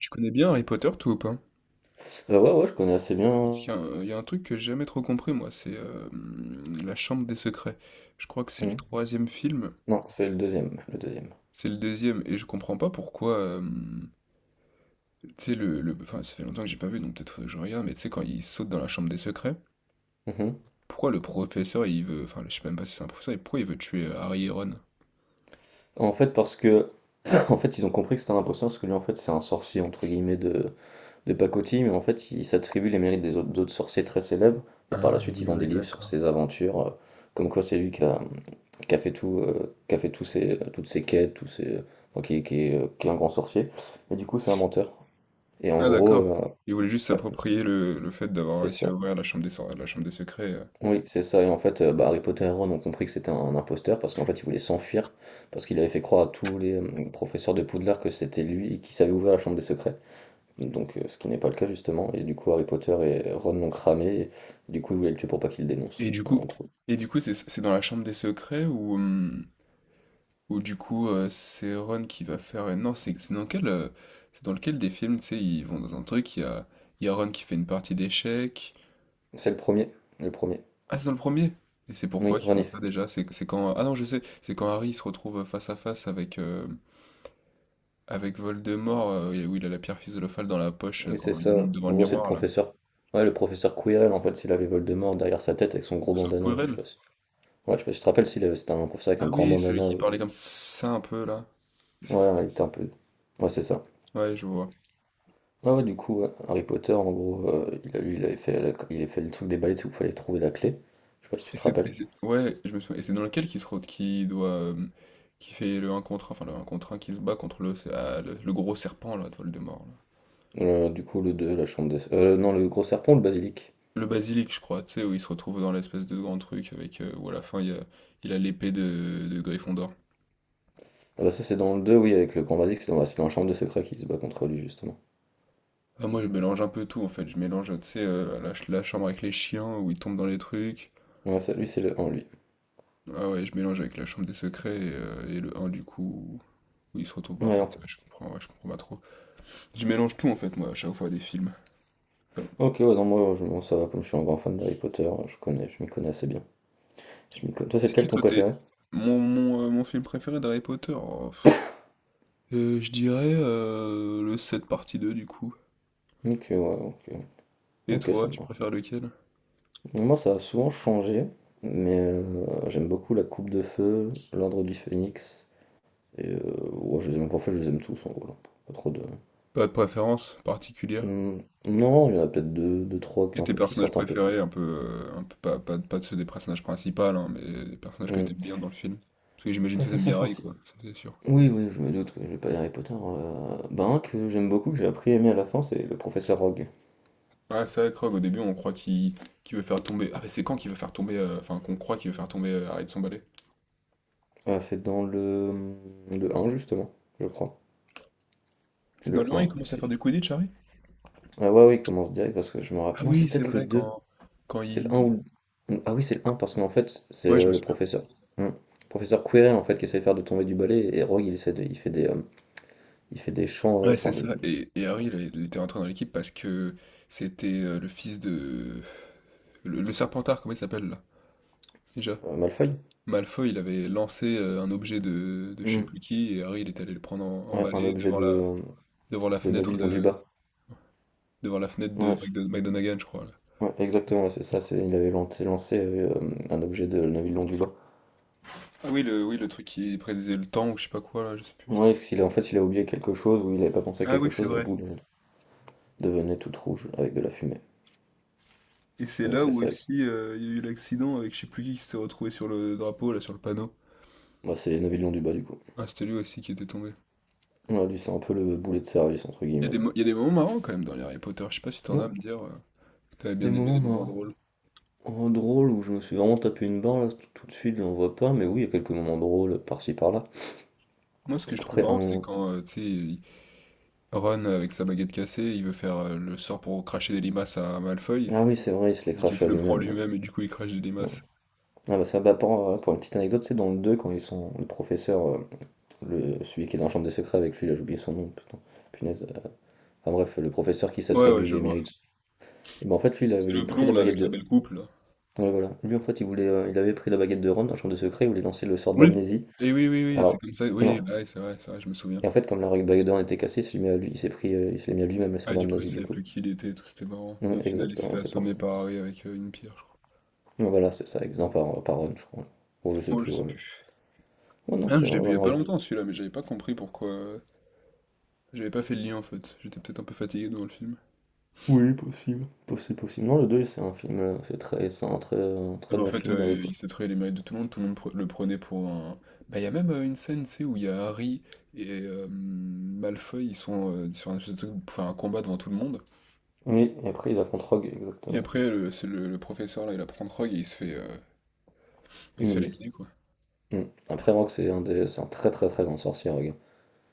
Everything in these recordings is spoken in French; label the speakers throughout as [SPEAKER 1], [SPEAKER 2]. [SPEAKER 1] Tu connais bien Harry Potter, toi, ou pas?
[SPEAKER 2] Ouais, ouais, je connais assez
[SPEAKER 1] Parce
[SPEAKER 2] bien.
[SPEAKER 1] qu'il y a un truc que j'ai jamais trop compris, moi, c'est La Chambre des Secrets. Je crois que c'est le
[SPEAKER 2] Mmh.
[SPEAKER 1] troisième film,
[SPEAKER 2] Non, c'est le deuxième.
[SPEAKER 1] c'est le deuxième, et je comprends pas pourquoi tu sais, Enfin, ça fait longtemps que j'ai pas vu, donc peut-être faudrait que je regarde, mais tu sais, quand il saute dans la Chambre des Secrets,
[SPEAKER 2] E
[SPEAKER 1] pourquoi le professeur, il veut... Enfin, je sais même pas si c'est un professeur, et pourquoi il veut tuer Harry et Ron?
[SPEAKER 2] En fait, parce que Ils ont compris que c'était un imposteur, parce que lui, en fait, c'est un «sorcier» entre guillemets de pacotille, mais en fait, il s'attribue les mérites des autres d'autres sorciers très célèbres et par la
[SPEAKER 1] Ah,
[SPEAKER 2] suite, il
[SPEAKER 1] oui,
[SPEAKER 2] vend
[SPEAKER 1] oui,
[SPEAKER 2] des livres sur ses
[SPEAKER 1] d'accord.
[SPEAKER 2] aventures, comme quoi c'est lui qui a fait tout, qui a fait tous ses toutes ses quêtes, tous ses enfin, qui est un grand sorcier. Mais du coup, c'est un menteur et en
[SPEAKER 1] Ah,
[SPEAKER 2] gros,
[SPEAKER 1] d'accord. Il voulait juste
[SPEAKER 2] ouais,
[SPEAKER 1] s'approprier le fait d'avoir
[SPEAKER 2] c'est
[SPEAKER 1] réussi à
[SPEAKER 2] ça.
[SPEAKER 1] ouvrir la Chambre des Secrets.
[SPEAKER 2] Oui, c'est ça. Et en fait, bah, Harry Potter et Ron ont compris que c'était un imposteur parce qu'en fait, il voulait s'enfuir parce qu'il avait fait croire à tous les professeurs de Poudlard que c'était lui et qui savait ouvrir la Chambre des Secrets. Donc, ce qui n'est pas le cas justement. Et du coup, Harry Potter et Ron l'ont cramé. Et, du coup, ils voulaient le tuer pour pas qu'il le dénonce.
[SPEAKER 1] Et du coup...
[SPEAKER 2] En gros,
[SPEAKER 1] Et du coup, c'est dans la chambre des secrets où... Ou du coup, c'est Ron qui va faire. Non, c'est dans c'est dans lequel des films, tu sais, ils vont dans un truc, il y a Ron qui fait une partie d'échecs.
[SPEAKER 2] c'est le premier, le premier.
[SPEAKER 1] Ah, c'est dans le premier. Et c'est pourquoi
[SPEAKER 2] Oui,
[SPEAKER 1] ils font ça
[SPEAKER 2] Ronif.
[SPEAKER 1] déjà? C'est quand. Ah non, je sais, c'est quand Harry se retrouve face à face avec, avec Voldemort, où il a la pierre philosophale dans la poche
[SPEAKER 2] Oui, c'est
[SPEAKER 1] quand il
[SPEAKER 2] ça.
[SPEAKER 1] monte devant
[SPEAKER 2] En
[SPEAKER 1] le
[SPEAKER 2] gros, c'est le
[SPEAKER 1] miroir, là.
[SPEAKER 2] professeur. Ouais, le professeur Quirrell. En fait, s'il avait Voldemort derrière sa tête avec son gros
[SPEAKER 1] C'est
[SPEAKER 2] bandana là, je sais
[SPEAKER 1] Quirrell?
[SPEAKER 2] pas si. Ouais, je sais pas si tu te rappelles s'il avait. C'était un professeur avec un
[SPEAKER 1] Ah
[SPEAKER 2] grand
[SPEAKER 1] oui, celui
[SPEAKER 2] bandana.
[SPEAKER 1] qui parlait comme ça un peu, là.
[SPEAKER 2] Ouais, il était un peu. Ouais, c'est ça.
[SPEAKER 1] Ouais, je vois.
[SPEAKER 2] Ah ouais, du coup, ouais. Harry Potter, en gros, il a, lui, il avait fait, il avait fait le truc des balais, c'est qu'il fallait trouver la clé. Je sais pas si tu te rappelles.
[SPEAKER 1] Ouais, je me souviens. Et c'est dans lequel qui qui doit, qui fait le un contre un enfin le un contre un qui se bat contre le gros serpent là, de Voldemort. Là.
[SPEAKER 2] Du coup, le deux, la chambre des... non, le gros serpent ou le basilic?
[SPEAKER 1] Le basilic, je crois, tu sais, où il se retrouve dans l'espèce de grand truc avec, où à la fin il a l'épée de Gryffondor.
[SPEAKER 2] Ah bah ça, c'est dans le 2 oui, avec le grand basilic, c'est dans la chambre de secret qu'il se bat contre lui, justement.
[SPEAKER 1] Ah, moi je mélange un peu tout en fait, je mélange, tu sais, la chambre avec les chiens où ils tombent dans les trucs.
[SPEAKER 2] Ouais, ça, lui, c'est le 1, lui.
[SPEAKER 1] Ah ouais, je mélange avec la chambre des secrets et le un du coup où il se retrouve. Bah, en
[SPEAKER 2] Ouais,
[SPEAKER 1] fait,
[SPEAKER 2] hop.
[SPEAKER 1] ouais, je comprends pas trop. Je mélange tout en fait, moi, à chaque fois des films.
[SPEAKER 2] OK, ouais, non, moi, je, bon, ça va, comme je suis un grand fan d'Harry Potter, je connais, je m'y connais assez bien. Toi, c'est
[SPEAKER 1] C'est
[SPEAKER 2] lequel
[SPEAKER 1] qui
[SPEAKER 2] ton
[SPEAKER 1] toi t'es
[SPEAKER 2] préféré?
[SPEAKER 1] mon film préféré d'Harry Potter? Oh, pff. Je dirais le 7 partie 2 du coup.
[SPEAKER 2] OK, ouais, OK.
[SPEAKER 1] Et
[SPEAKER 2] OK, ça
[SPEAKER 1] toi, tu
[SPEAKER 2] marche.
[SPEAKER 1] préfères lequel?
[SPEAKER 2] Moi, ça a souvent changé, mais j'aime beaucoup la Coupe de Feu, l'Ordre du Phénix. Et ouais, je les ai même en fait, je les aime tous en gros, là. Pas trop de.
[SPEAKER 1] Pas de préférence particulière.
[SPEAKER 2] mmh, non, il y en a peut être deux trois qui
[SPEAKER 1] Et
[SPEAKER 2] un
[SPEAKER 1] tes
[SPEAKER 2] peu qui
[SPEAKER 1] personnages
[SPEAKER 2] sortent un peu.
[SPEAKER 1] préférés, un peu pas, pas, pas de ceux des personnages principaux, hein, mais des personnages que
[SPEAKER 2] mmh,
[SPEAKER 1] t'aimes bien dans le film. Parce que j'imagine
[SPEAKER 2] Pas
[SPEAKER 1] que t'aimes
[SPEAKER 2] facile
[SPEAKER 1] bien Harry,
[SPEAKER 2] français.
[SPEAKER 1] quoi, ça c'est sûr.
[SPEAKER 2] Oui, oui, je me doute, oui, je vais pas dire Harry Potter, ben, un que j'aime beaucoup, que j'ai appris à aimer à la fin, c'est le professeur Rogue.
[SPEAKER 1] Ah, c'est vrai, Krog, au début on croit qu'il veut faire tomber. Ah, mais c'est quand qu'il veut faire tomber. Enfin, qu'on croit qu'il veut faire tomber Harry de son balai?
[SPEAKER 2] Ah, c'est dans le un justement, je crois.
[SPEAKER 1] C'est dans
[SPEAKER 2] Le
[SPEAKER 1] le 1, il
[SPEAKER 2] un
[SPEAKER 1] commence à faire
[SPEAKER 2] si.
[SPEAKER 1] du Quidditch, Harry?
[SPEAKER 2] Ah ouais, oui, il commence direct parce que je me
[SPEAKER 1] Ah
[SPEAKER 2] rappelle non,
[SPEAKER 1] oui,
[SPEAKER 2] c'est
[SPEAKER 1] c'est
[SPEAKER 2] peut-être le
[SPEAKER 1] vrai,
[SPEAKER 2] deux.
[SPEAKER 1] quand
[SPEAKER 2] C'est le
[SPEAKER 1] il...
[SPEAKER 2] un ou le Ah oui, c'est le un parce qu'en fait, c'est,
[SPEAKER 1] Ouais, je me
[SPEAKER 2] le
[SPEAKER 1] souviens.
[SPEAKER 2] professeur, mmh, professeur Quirrell, en fait, qui essaie de faire de tomber du balai et Rogue, il essaie de il fait des, hem il fait des chants,
[SPEAKER 1] Ouais, c'est
[SPEAKER 2] enfin des.
[SPEAKER 1] ça. Et Harry, il était rentré dans l'équipe parce que c'était le fils de... le Serpentard, comment il s'appelle là? Déjà.
[SPEAKER 2] Malfoy?
[SPEAKER 1] Malfoy, il avait lancé un objet de je sais
[SPEAKER 2] Hmm.
[SPEAKER 1] plus qui, et Harry, il était allé le prendre en
[SPEAKER 2] Ouais, un
[SPEAKER 1] balai
[SPEAKER 2] objet de,
[SPEAKER 1] devant la
[SPEAKER 2] de
[SPEAKER 1] fenêtre
[SPEAKER 2] Neville
[SPEAKER 1] de,
[SPEAKER 2] Londubat.
[SPEAKER 1] devant la fenêtre de
[SPEAKER 2] Ouais,
[SPEAKER 1] McDo- McGonagall, je crois. Là.
[SPEAKER 2] ouais, exactement, ouais, c'est ça. C'est, il avait un objet de Neville Londubat.
[SPEAKER 1] Ah oui, oui, le truc qui prédisait le temps ou je sais pas quoi, là, je sais plus. C'était-
[SPEAKER 2] Ouais, parce qu'en fait, il a oublié quelque chose ou il n'avait pas pensé à
[SPEAKER 1] Ah
[SPEAKER 2] quelque
[SPEAKER 1] oui, c'est
[SPEAKER 2] chose, la
[SPEAKER 1] vrai.
[SPEAKER 2] boule devenait toute rouge avec de la fumée.
[SPEAKER 1] Et c'est
[SPEAKER 2] Donc
[SPEAKER 1] là
[SPEAKER 2] c'est
[SPEAKER 1] où
[SPEAKER 2] ça.
[SPEAKER 1] aussi il y a eu l'accident avec je sais plus qui s'était retrouvé sur le drapeau, là, sur le panneau.
[SPEAKER 2] Bah, c'est Neville Londubat du coup.
[SPEAKER 1] Ah, c'était lui aussi qui était tombé.
[SPEAKER 2] Ouais, lui, c'est un peu le boulet de service, entre
[SPEAKER 1] Il y a
[SPEAKER 2] guillemets, quoi.
[SPEAKER 1] il y a des moments marrants quand même dans les Harry Potter. Je sais pas si t'en as à
[SPEAKER 2] Ouais.
[SPEAKER 1] me dire que t'avais
[SPEAKER 2] Des
[SPEAKER 1] bien aimé les
[SPEAKER 2] moments
[SPEAKER 1] moments
[SPEAKER 2] marrants,
[SPEAKER 1] drôles.
[SPEAKER 2] drôles où je me suis vraiment tapé une barre là, tout, tout de suite, j'en vois pas, mais oui, il y a quelques moments drôles par-ci par-là.
[SPEAKER 1] Moi, ce que je trouve
[SPEAKER 2] Après, un
[SPEAKER 1] marrant, c'est
[SPEAKER 2] moment.
[SPEAKER 1] quand Ron avec sa baguette cassée, il veut faire le sort pour cracher des limaces à Malfoy,
[SPEAKER 2] Ah oui, c'est vrai, il se les
[SPEAKER 1] et qu'il
[SPEAKER 2] crache
[SPEAKER 1] se
[SPEAKER 2] à
[SPEAKER 1] le prend
[SPEAKER 2] lui-même. Ouais.
[SPEAKER 1] lui-même et du coup il crache des
[SPEAKER 2] Ouais.
[SPEAKER 1] limaces.
[SPEAKER 2] Ah bah ça, bah pour une petite anecdote, c'est dans le 2 quand ils sont le professeur, celui qui est dans la chambre des secrets avec lui, là j'ai oublié son nom, putain, punaise. Enfin bref, le professeur qui
[SPEAKER 1] Ouais, ouais,
[SPEAKER 2] s'attribue
[SPEAKER 1] je
[SPEAKER 2] les
[SPEAKER 1] vois.
[SPEAKER 2] mérites. Et ben en fait lui il
[SPEAKER 1] C'est
[SPEAKER 2] avait
[SPEAKER 1] le
[SPEAKER 2] pris
[SPEAKER 1] blond
[SPEAKER 2] la
[SPEAKER 1] là
[SPEAKER 2] baguette
[SPEAKER 1] avec la
[SPEAKER 2] de.
[SPEAKER 1] belle coupe là.
[SPEAKER 2] Ouais voilà. Lui en fait il avait pris la baguette de Ron dans la chambre des secrets, il voulait lancer le sort
[SPEAKER 1] Oui.
[SPEAKER 2] d'amnésie.
[SPEAKER 1] Et oui, oui, oui, c'est
[SPEAKER 2] Alors
[SPEAKER 1] comme ça.
[SPEAKER 2] et
[SPEAKER 1] Oui,
[SPEAKER 2] en,
[SPEAKER 1] ouais, c'est vrai, je me souviens.
[SPEAKER 2] et en fait comme la baguette de Ron était cassée, il s'est mis à lui, il s'est mis à lui-même le sort
[SPEAKER 1] Ah, du coup, il
[SPEAKER 2] d'amnésie du
[SPEAKER 1] savait
[SPEAKER 2] coup.
[SPEAKER 1] plus qui il était, et tout, c'était marrant. Et au
[SPEAKER 2] Ouais,
[SPEAKER 1] final, il se
[SPEAKER 2] exactement,
[SPEAKER 1] fait
[SPEAKER 2] c'est pour
[SPEAKER 1] assommer
[SPEAKER 2] ça.
[SPEAKER 1] par Harry avec une pierre, je crois.
[SPEAKER 2] Ouais, voilà, c'est ça, exemple par Ron, je crois. Bon je sais
[SPEAKER 1] Oh, je
[SPEAKER 2] plus,
[SPEAKER 1] sais
[SPEAKER 2] ouais, mais.
[SPEAKER 1] plus.
[SPEAKER 2] Ouais, non,
[SPEAKER 1] Ah,
[SPEAKER 2] c'est
[SPEAKER 1] je l'ai vu il y a
[SPEAKER 2] vraiment.
[SPEAKER 1] pas longtemps celui-là, mais j'avais pas compris pourquoi. J'avais pas fait le lien en fait, j'étais peut-être un peu fatigué devant le film.
[SPEAKER 2] Possible. Non, le 2 c'est un film, c'est très, c'est un très,
[SPEAKER 1] Non,
[SPEAKER 2] très
[SPEAKER 1] mais en
[SPEAKER 2] bon
[SPEAKER 1] fait,
[SPEAKER 2] film d'Harry
[SPEAKER 1] il
[SPEAKER 2] Potter.
[SPEAKER 1] s'attrayait les mérites de tout le monde le prenait pour un. Bah, il y a même une scène, tu sais, où il y a Harry et Malfoy, ils sont sur un espèce de truc pour faire un combat devant tout le monde.
[SPEAKER 2] Oui, et après il affronte Rogue,
[SPEAKER 1] Et
[SPEAKER 2] exactement.
[SPEAKER 1] après, le professeur là, il apprend Rogue et il se fait
[SPEAKER 2] Humilié.
[SPEAKER 1] laminer quoi.
[SPEAKER 2] Mmh. Après Rogue, c'est un très, très, très grand sorcier, Rogue.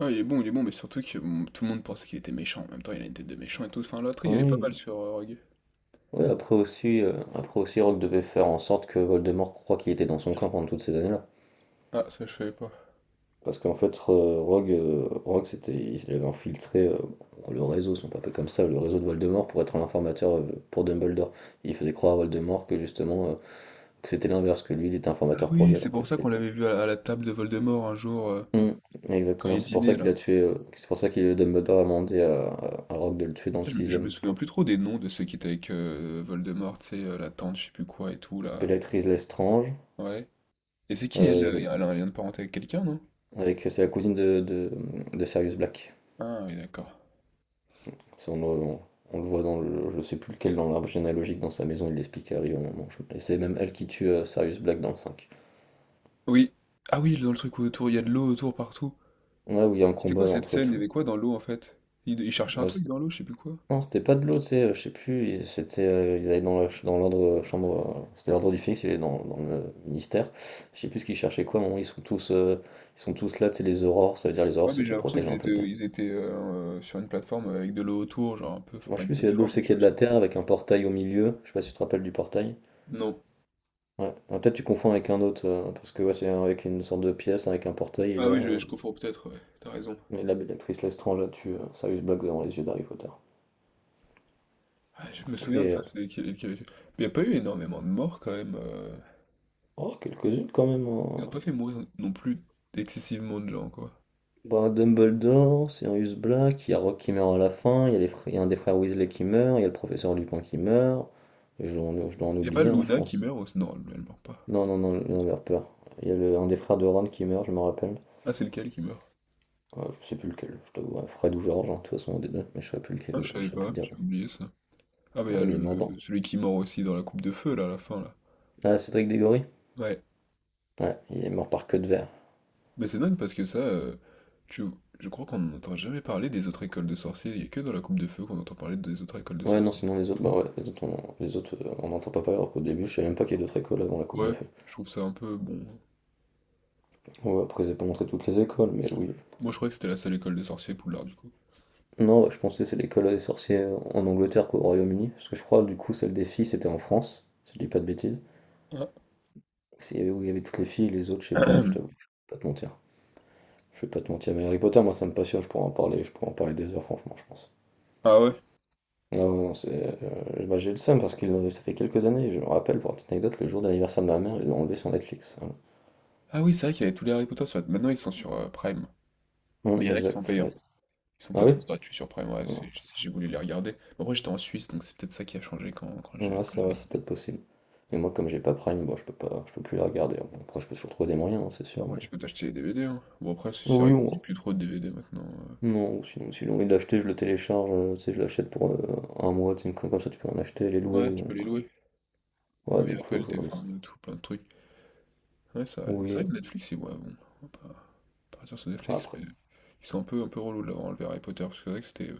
[SPEAKER 1] Ah, il est bon, mais surtout que bon, tout le monde pensait qu'il était méchant. En même temps, il a une tête de méchant et tout. Enfin, l'intrigue, elle est pas
[SPEAKER 2] Oui,
[SPEAKER 1] mal sur Rogue.
[SPEAKER 2] oui, après aussi Rogue devait faire en sorte que Voldemort croit qu'il était dans son camp pendant toutes ces années-là.
[SPEAKER 1] Ah, ça, je savais pas.
[SPEAKER 2] Parce qu'en fait, Rogue, c'était il avait infiltré, le réseau, si on peut appeler comme ça, le réseau de Voldemort pour être l'informateur, pour Dumbledore. Il faisait croire à Voldemort que justement, que c'était l'inverse, que lui, il était
[SPEAKER 1] Ah
[SPEAKER 2] informateur pour
[SPEAKER 1] oui,
[SPEAKER 2] lui
[SPEAKER 1] c'est
[SPEAKER 2] alors que
[SPEAKER 1] pour ça
[SPEAKER 2] c'était.
[SPEAKER 1] qu'on l'avait vu à la table de Voldemort un jour,
[SPEAKER 2] Mm,
[SPEAKER 1] quand
[SPEAKER 2] exactement,
[SPEAKER 1] il
[SPEAKER 2] c'est pour
[SPEAKER 1] dînait
[SPEAKER 2] ça qu'il
[SPEAKER 1] là.
[SPEAKER 2] a tué, c'est pour ça que Dumbledore a demandé à Rogue de le tuer dans le
[SPEAKER 1] Je me
[SPEAKER 2] sixième.
[SPEAKER 1] souviens
[SPEAKER 2] Pour.
[SPEAKER 1] plus trop des noms de ceux qui étaient avec Voldemort, tu sais, la tante, je sais plus quoi et tout, là.
[SPEAKER 2] Bellatrix Lestrange,
[SPEAKER 1] Ouais. Et c'est qui
[SPEAKER 2] euh,
[SPEAKER 1] elle?
[SPEAKER 2] il y avait-
[SPEAKER 1] Elle a un lien de parenté avec quelqu'un, non?
[SPEAKER 2] avec c'est la cousine de Sirius Black.
[SPEAKER 1] Ah oui, d'accord.
[SPEAKER 2] Ça, on, on le voit dans le, je sais plus lequel, dans l'arbre généalogique dans sa maison, il l'explique à Harry au moment. Je. Et c'est même elle qui tue Sirius Black dans le 5.
[SPEAKER 1] Oui. Ah oui, dans le truc où autour, il y a de l'eau autour partout.
[SPEAKER 2] Ouais, où il y a un
[SPEAKER 1] C'était
[SPEAKER 2] combat
[SPEAKER 1] quoi
[SPEAKER 2] là,
[SPEAKER 1] cette
[SPEAKER 2] entre
[SPEAKER 1] scène? Il y
[SPEAKER 2] tout.
[SPEAKER 1] avait quoi dans l'eau en fait? Ils cherchaient un truc dans l'eau, je sais plus quoi.
[SPEAKER 2] Non, c'était pas de l'eau, tu sais, je sais plus, et c'était, ils allaient dans la ch dans l'ordre, chambre, c'était l'ordre du phénix, il est dans le ministère. Je sais plus ce qu'ils cherchaient quoi, à un moment ils sont tous là, tu sais, les aurores, ça veut dire les
[SPEAKER 1] Ouais,
[SPEAKER 2] aurores, ceux
[SPEAKER 1] mais j'ai
[SPEAKER 2] qui
[SPEAKER 1] l'impression
[SPEAKER 2] protègent
[SPEAKER 1] qu'ils
[SPEAKER 2] un peu
[SPEAKER 1] étaient,
[SPEAKER 2] des.
[SPEAKER 1] ils étaient sur une plateforme avec de l'eau autour, genre un peu, enfin
[SPEAKER 2] Moi,
[SPEAKER 1] pas
[SPEAKER 2] je sais
[SPEAKER 1] une
[SPEAKER 2] plus s'il y a de l'eau,
[SPEAKER 1] plateforme,
[SPEAKER 2] je
[SPEAKER 1] mais
[SPEAKER 2] sais qu'il
[SPEAKER 1] tu
[SPEAKER 2] y a
[SPEAKER 1] vois.
[SPEAKER 2] de
[SPEAKER 1] Ce
[SPEAKER 2] la
[SPEAKER 1] que-
[SPEAKER 2] terre avec un portail au milieu, je sais pas si tu te rappelles du portail?
[SPEAKER 1] Non.
[SPEAKER 2] Ouais, ah, peut-être tu confonds avec un autre, parce que ouais, c'est avec une sorte de pièce avec un portail
[SPEAKER 1] Ah oui, je confonds peut-être, ouais, t'as raison.
[SPEAKER 2] et là, l'actrice Lestrange, elle tue, Sirius Black devant les yeux d'Harry Potter.
[SPEAKER 1] Ah, je me souviens de
[SPEAKER 2] Mais,
[SPEAKER 1] ça, c'est qu'il y avait... fait. Mais il n'y a pas eu énormément de morts quand même.
[SPEAKER 2] oh, quelques-unes quand même,
[SPEAKER 1] Ils ont
[SPEAKER 2] hein!
[SPEAKER 1] pas fait mourir non plus excessivement de gens, quoi.
[SPEAKER 2] Bah, Dumbledore, Sirius Black, il y a Rogue qui meurt à la fin, il y a un des frères Weasley qui meurt, il y a le professeur Lupin qui meurt, et je dois en
[SPEAKER 1] Y a pas
[SPEAKER 2] oublier, hein, je
[SPEAKER 1] Luna qui
[SPEAKER 2] pense.
[SPEAKER 1] meurt aussi? Non, elle meurt pas.
[SPEAKER 2] Non, non, non, non, j'ai peur. Il y a un des frères de Ron qui meurt, je me rappelle.
[SPEAKER 1] Ah, c'est lequel qui meurt?
[SPEAKER 2] Je sais plus lequel, je t'avoue, ouais, Fred ou George, hein, de toute façon, un des deux, mais je sais plus lequel,
[SPEAKER 1] Ah, je savais
[SPEAKER 2] je sais plus te
[SPEAKER 1] pas,
[SPEAKER 2] dire.
[SPEAKER 1] j'ai oublié ça. Ah, bah, y
[SPEAKER 2] Ouais,
[SPEAKER 1] a
[SPEAKER 2] il est mort dans.
[SPEAKER 1] celui qui meurt aussi dans la coupe de feu, là, à la fin, là.
[SPEAKER 2] Ah, Cédric Diggory?
[SPEAKER 1] Ouais.
[SPEAKER 2] Ouais, il est mort par queue de verre.
[SPEAKER 1] Mais c'est dingue parce que ça, tu, je crois qu'on n'entend jamais parler des autres écoles de sorciers. Il y a que dans la coupe de feu qu'on entend parler des autres écoles de
[SPEAKER 2] Ouais, non,
[SPEAKER 1] sorciers.
[SPEAKER 2] sinon les autres, bah ouais, les autres, on n'entend pas parler, alors qu'au début, je savais même pas qu'il y a d'autres écoles avant la Coupe de
[SPEAKER 1] Ouais,
[SPEAKER 2] Feu.
[SPEAKER 1] je trouve ça un peu bon.
[SPEAKER 2] Ouais, après, ils n'ont pas montré toutes les écoles, mais oui.
[SPEAKER 1] Moi, je croyais que c'était la seule école de sorciers, Poudlard, du coup.
[SPEAKER 2] Non, je pensais que c'est l'école des sorciers en Angleterre qu'au Royaume-Uni, parce que je crois du coup celle des filles c'était en France, si je dis pas de bêtises.
[SPEAKER 1] Ah,
[SPEAKER 2] C'est où il y avait toutes les filles, les autres je sais plus, je t'avoue, je vais pas te mentir. Je vais pas te mentir, mais Harry Potter moi ça me passionne, je pourrais en parler, je pourrais en parler des heures franchement je pense.
[SPEAKER 1] ah ouais.
[SPEAKER 2] Non, non, non, c'est, bah, j'ai le seum parce que ça fait quelques années, je me rappelle pour une petite anecdote, le jour d'anniversaire de ma mère, ils l'ont enlevé sur Netflix. Voilà.
[SPEAKER 1] Ah oui, c'est vrai qu'il y avait tous les Harry Potter sur... Maintenant, ils sont sur Prime. Mais il y en a qui sont
[SPEAKER 2] Exact.
[SPEAKER 1] payants.
[SPEAKER 2] Ouais.
[SPEAKER 1] Ils sont
[SPEAKER 2] Ah
[SPEAKER 1] pas
[SPEAKER 2] oui?
[SPEAKER 1] tous gratuits sur Prime, ouais,
[SPEAKER 2] Non.
[SPEAKER 1] c'est- j'ai voulu les regarder. Mais après, j'étais en Suisse, donc c'est peut-être ça qui a changé quand j'ai
[SPEAKER 2] Ouais,
[SPEAKER 1] quand
[SPEAKER 2] c'est
[SPEAKER 1] j'ai
[SPEAKER 2] vrai, c'est
[SPEAKER 1] regardé.
[SPEAKER 2] peut-être possible. Mais moi comme j'ai pas Prime, bon je peux pas, je peux plus la regarder. Bon, après je peux toujours trouver des moyens, hein, c'est sûr,
[SPEAKER 1] Après,
[SPEAKER 2] mais.
[SPEAKER 1] tu peux t'acheter les DVD, hein. Bon, après, c'est vrai
[SPEAKER 2] Oui,
[SPEAKER 1] qu'on dit
[SPEAKER 2] on.
[SPEAKER 1] plus trop de DVD maintenant.
[SPEAKER 2] Non, sinon, si j'ai envie de l'acheter, je le télécharge, tu sais, je l'achète pour, un mois, tu sais, une con comme ça, tu peux en acheter, les louer,
[SPEAKER 1] Ouais, tu peux
[SPEAKER 2] donc
[SPEAKER 1] les louer.
[SPEAKER 2] ouais,
[SPEAKER 1] Il y a
[SPEAKER 2] donc faut
[SPEAKER 1] Apple
[SPEAKER 2] que je vois,
[SPEAKER 1] TV,
[SPEAKER 2] mais
[SPEAKER 1] enfin,
[SPEAKER 2] c'est.
[SPEAKER 1] il y a tout, plein de trucs. Ouais, c'est vrai. Mais c'est
[SPEAKER 2] Oui,
[SPEAKER 1] vrai que Netflix, ils- ouais, bon, on va pas partir sur Netflix, mais
[SPEAKER 2] après
[SPEAKER 1] ils sont un peu relous de l'avoir enlevé Harry Potter, parce que c'est vrai que c'était...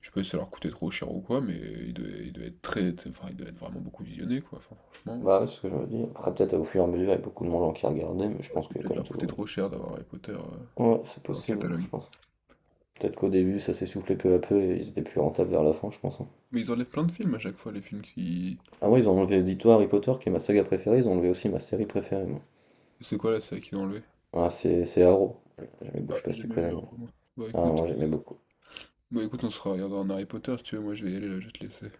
[SPEAKER 1] Je sais pas si ça leur coûtait trop cher ou quoi, mais ils devaient être très... Enfin, ils devaient être vraiment beaucoup visionnés, quoi. Enfin, franchement,
[SPEAKER 2] bah, ouais, c'est ce que je me dis, après peut-être au fur et à mesure, il y a beaucoup de gens qui regardaient, mais je
[SPEAKER 1] ouais,
[SPEAKER 2] pense
[SPEAKER 1] c'est
[SPEAKER 2] qu'il y a quand
[SPEAKER 1] peut-être
[SPEAKER 2] même
[SPEAKER 1] leur coûter
[SPEAKER 2] toujours une.
[SPEAKER 1] trop cher d'avoir Harry Potter
[SPEAKER 2] Ouais, c'est
[SPEAKER 1] dans leur
[SPEAKER 2] possible, je
[SPEAKER 1] catalogue.
[SPEAKER 2] pense. Peut-être qu'au début, ça s'est soufflé peu à peu et ils étaient plus rentables vers la fin, je pense, hein.
[SPEAKER 1] Mais ils enlèvent plein de films à chaque fois, les films qui...
[SPEAKER 2] Ah ouais, ils ont enlevé, dis-toi, Harry Potter qui est ma saga préférée, ils ont enlevé aussi ma série préférée, moi.
[SPEAKER 1] C'est quoi la série qu'ils ont enlevé?
[SPEAKER 2] Ah, c'est Arrow, j'aimais beaucoup
[SPEAKER 1] Ah,
[SPEAKER 2] je sais pas
[SPEAKER 1] j'ai
[SPEAKER 2] si tu
[SPEAKER 1] jamais vu,
[SPEAKER 2] connais,
[SPEAKER 1] alors,
[SPEAKER 2] moi.
[SPEAKER 1] moi. Bah
[SPEAKER 2] Ah,
[SPEAKER 1] écoute,
[SPEAKER 2] moi, j'aimais
[SPEAKER 1] euh,
[SPEAKER 2] beaucoup.
[SPEAKER 1] bah écoute, on sera regardera un Harry Potter si tu veux, moi je vais y aller là, je vais te laisser. C'est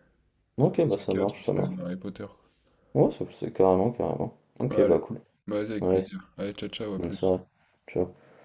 [SPEAKER 2] OK, bah, ça
[SPEAKER 1] quatre, on
[SPEAKER 2] marche,
[SPEAKER 1] se
[SPEAKER 2] ça marche.
[SPEAKER 1] regarde un Harry Potter.
[SPEAKER 2] Ouais, ça c'est carrément, carrément.
[SPEAKER 1] Ouais,
[SPEAKER 2] OK, bah,
[SPEAKER 1] allez,
[SPEAKER 2] cool.
[SPEAKER 1] bah, vas-y, avec
[SPEAKER 2] Ouais,
[SPEAKER 1] plaisir. Allez, ciao, ciao, à
[SPEAKER 2] bonne
[SPEAKER 1] plus.
[SPEAKER 2] soirée. Ciao.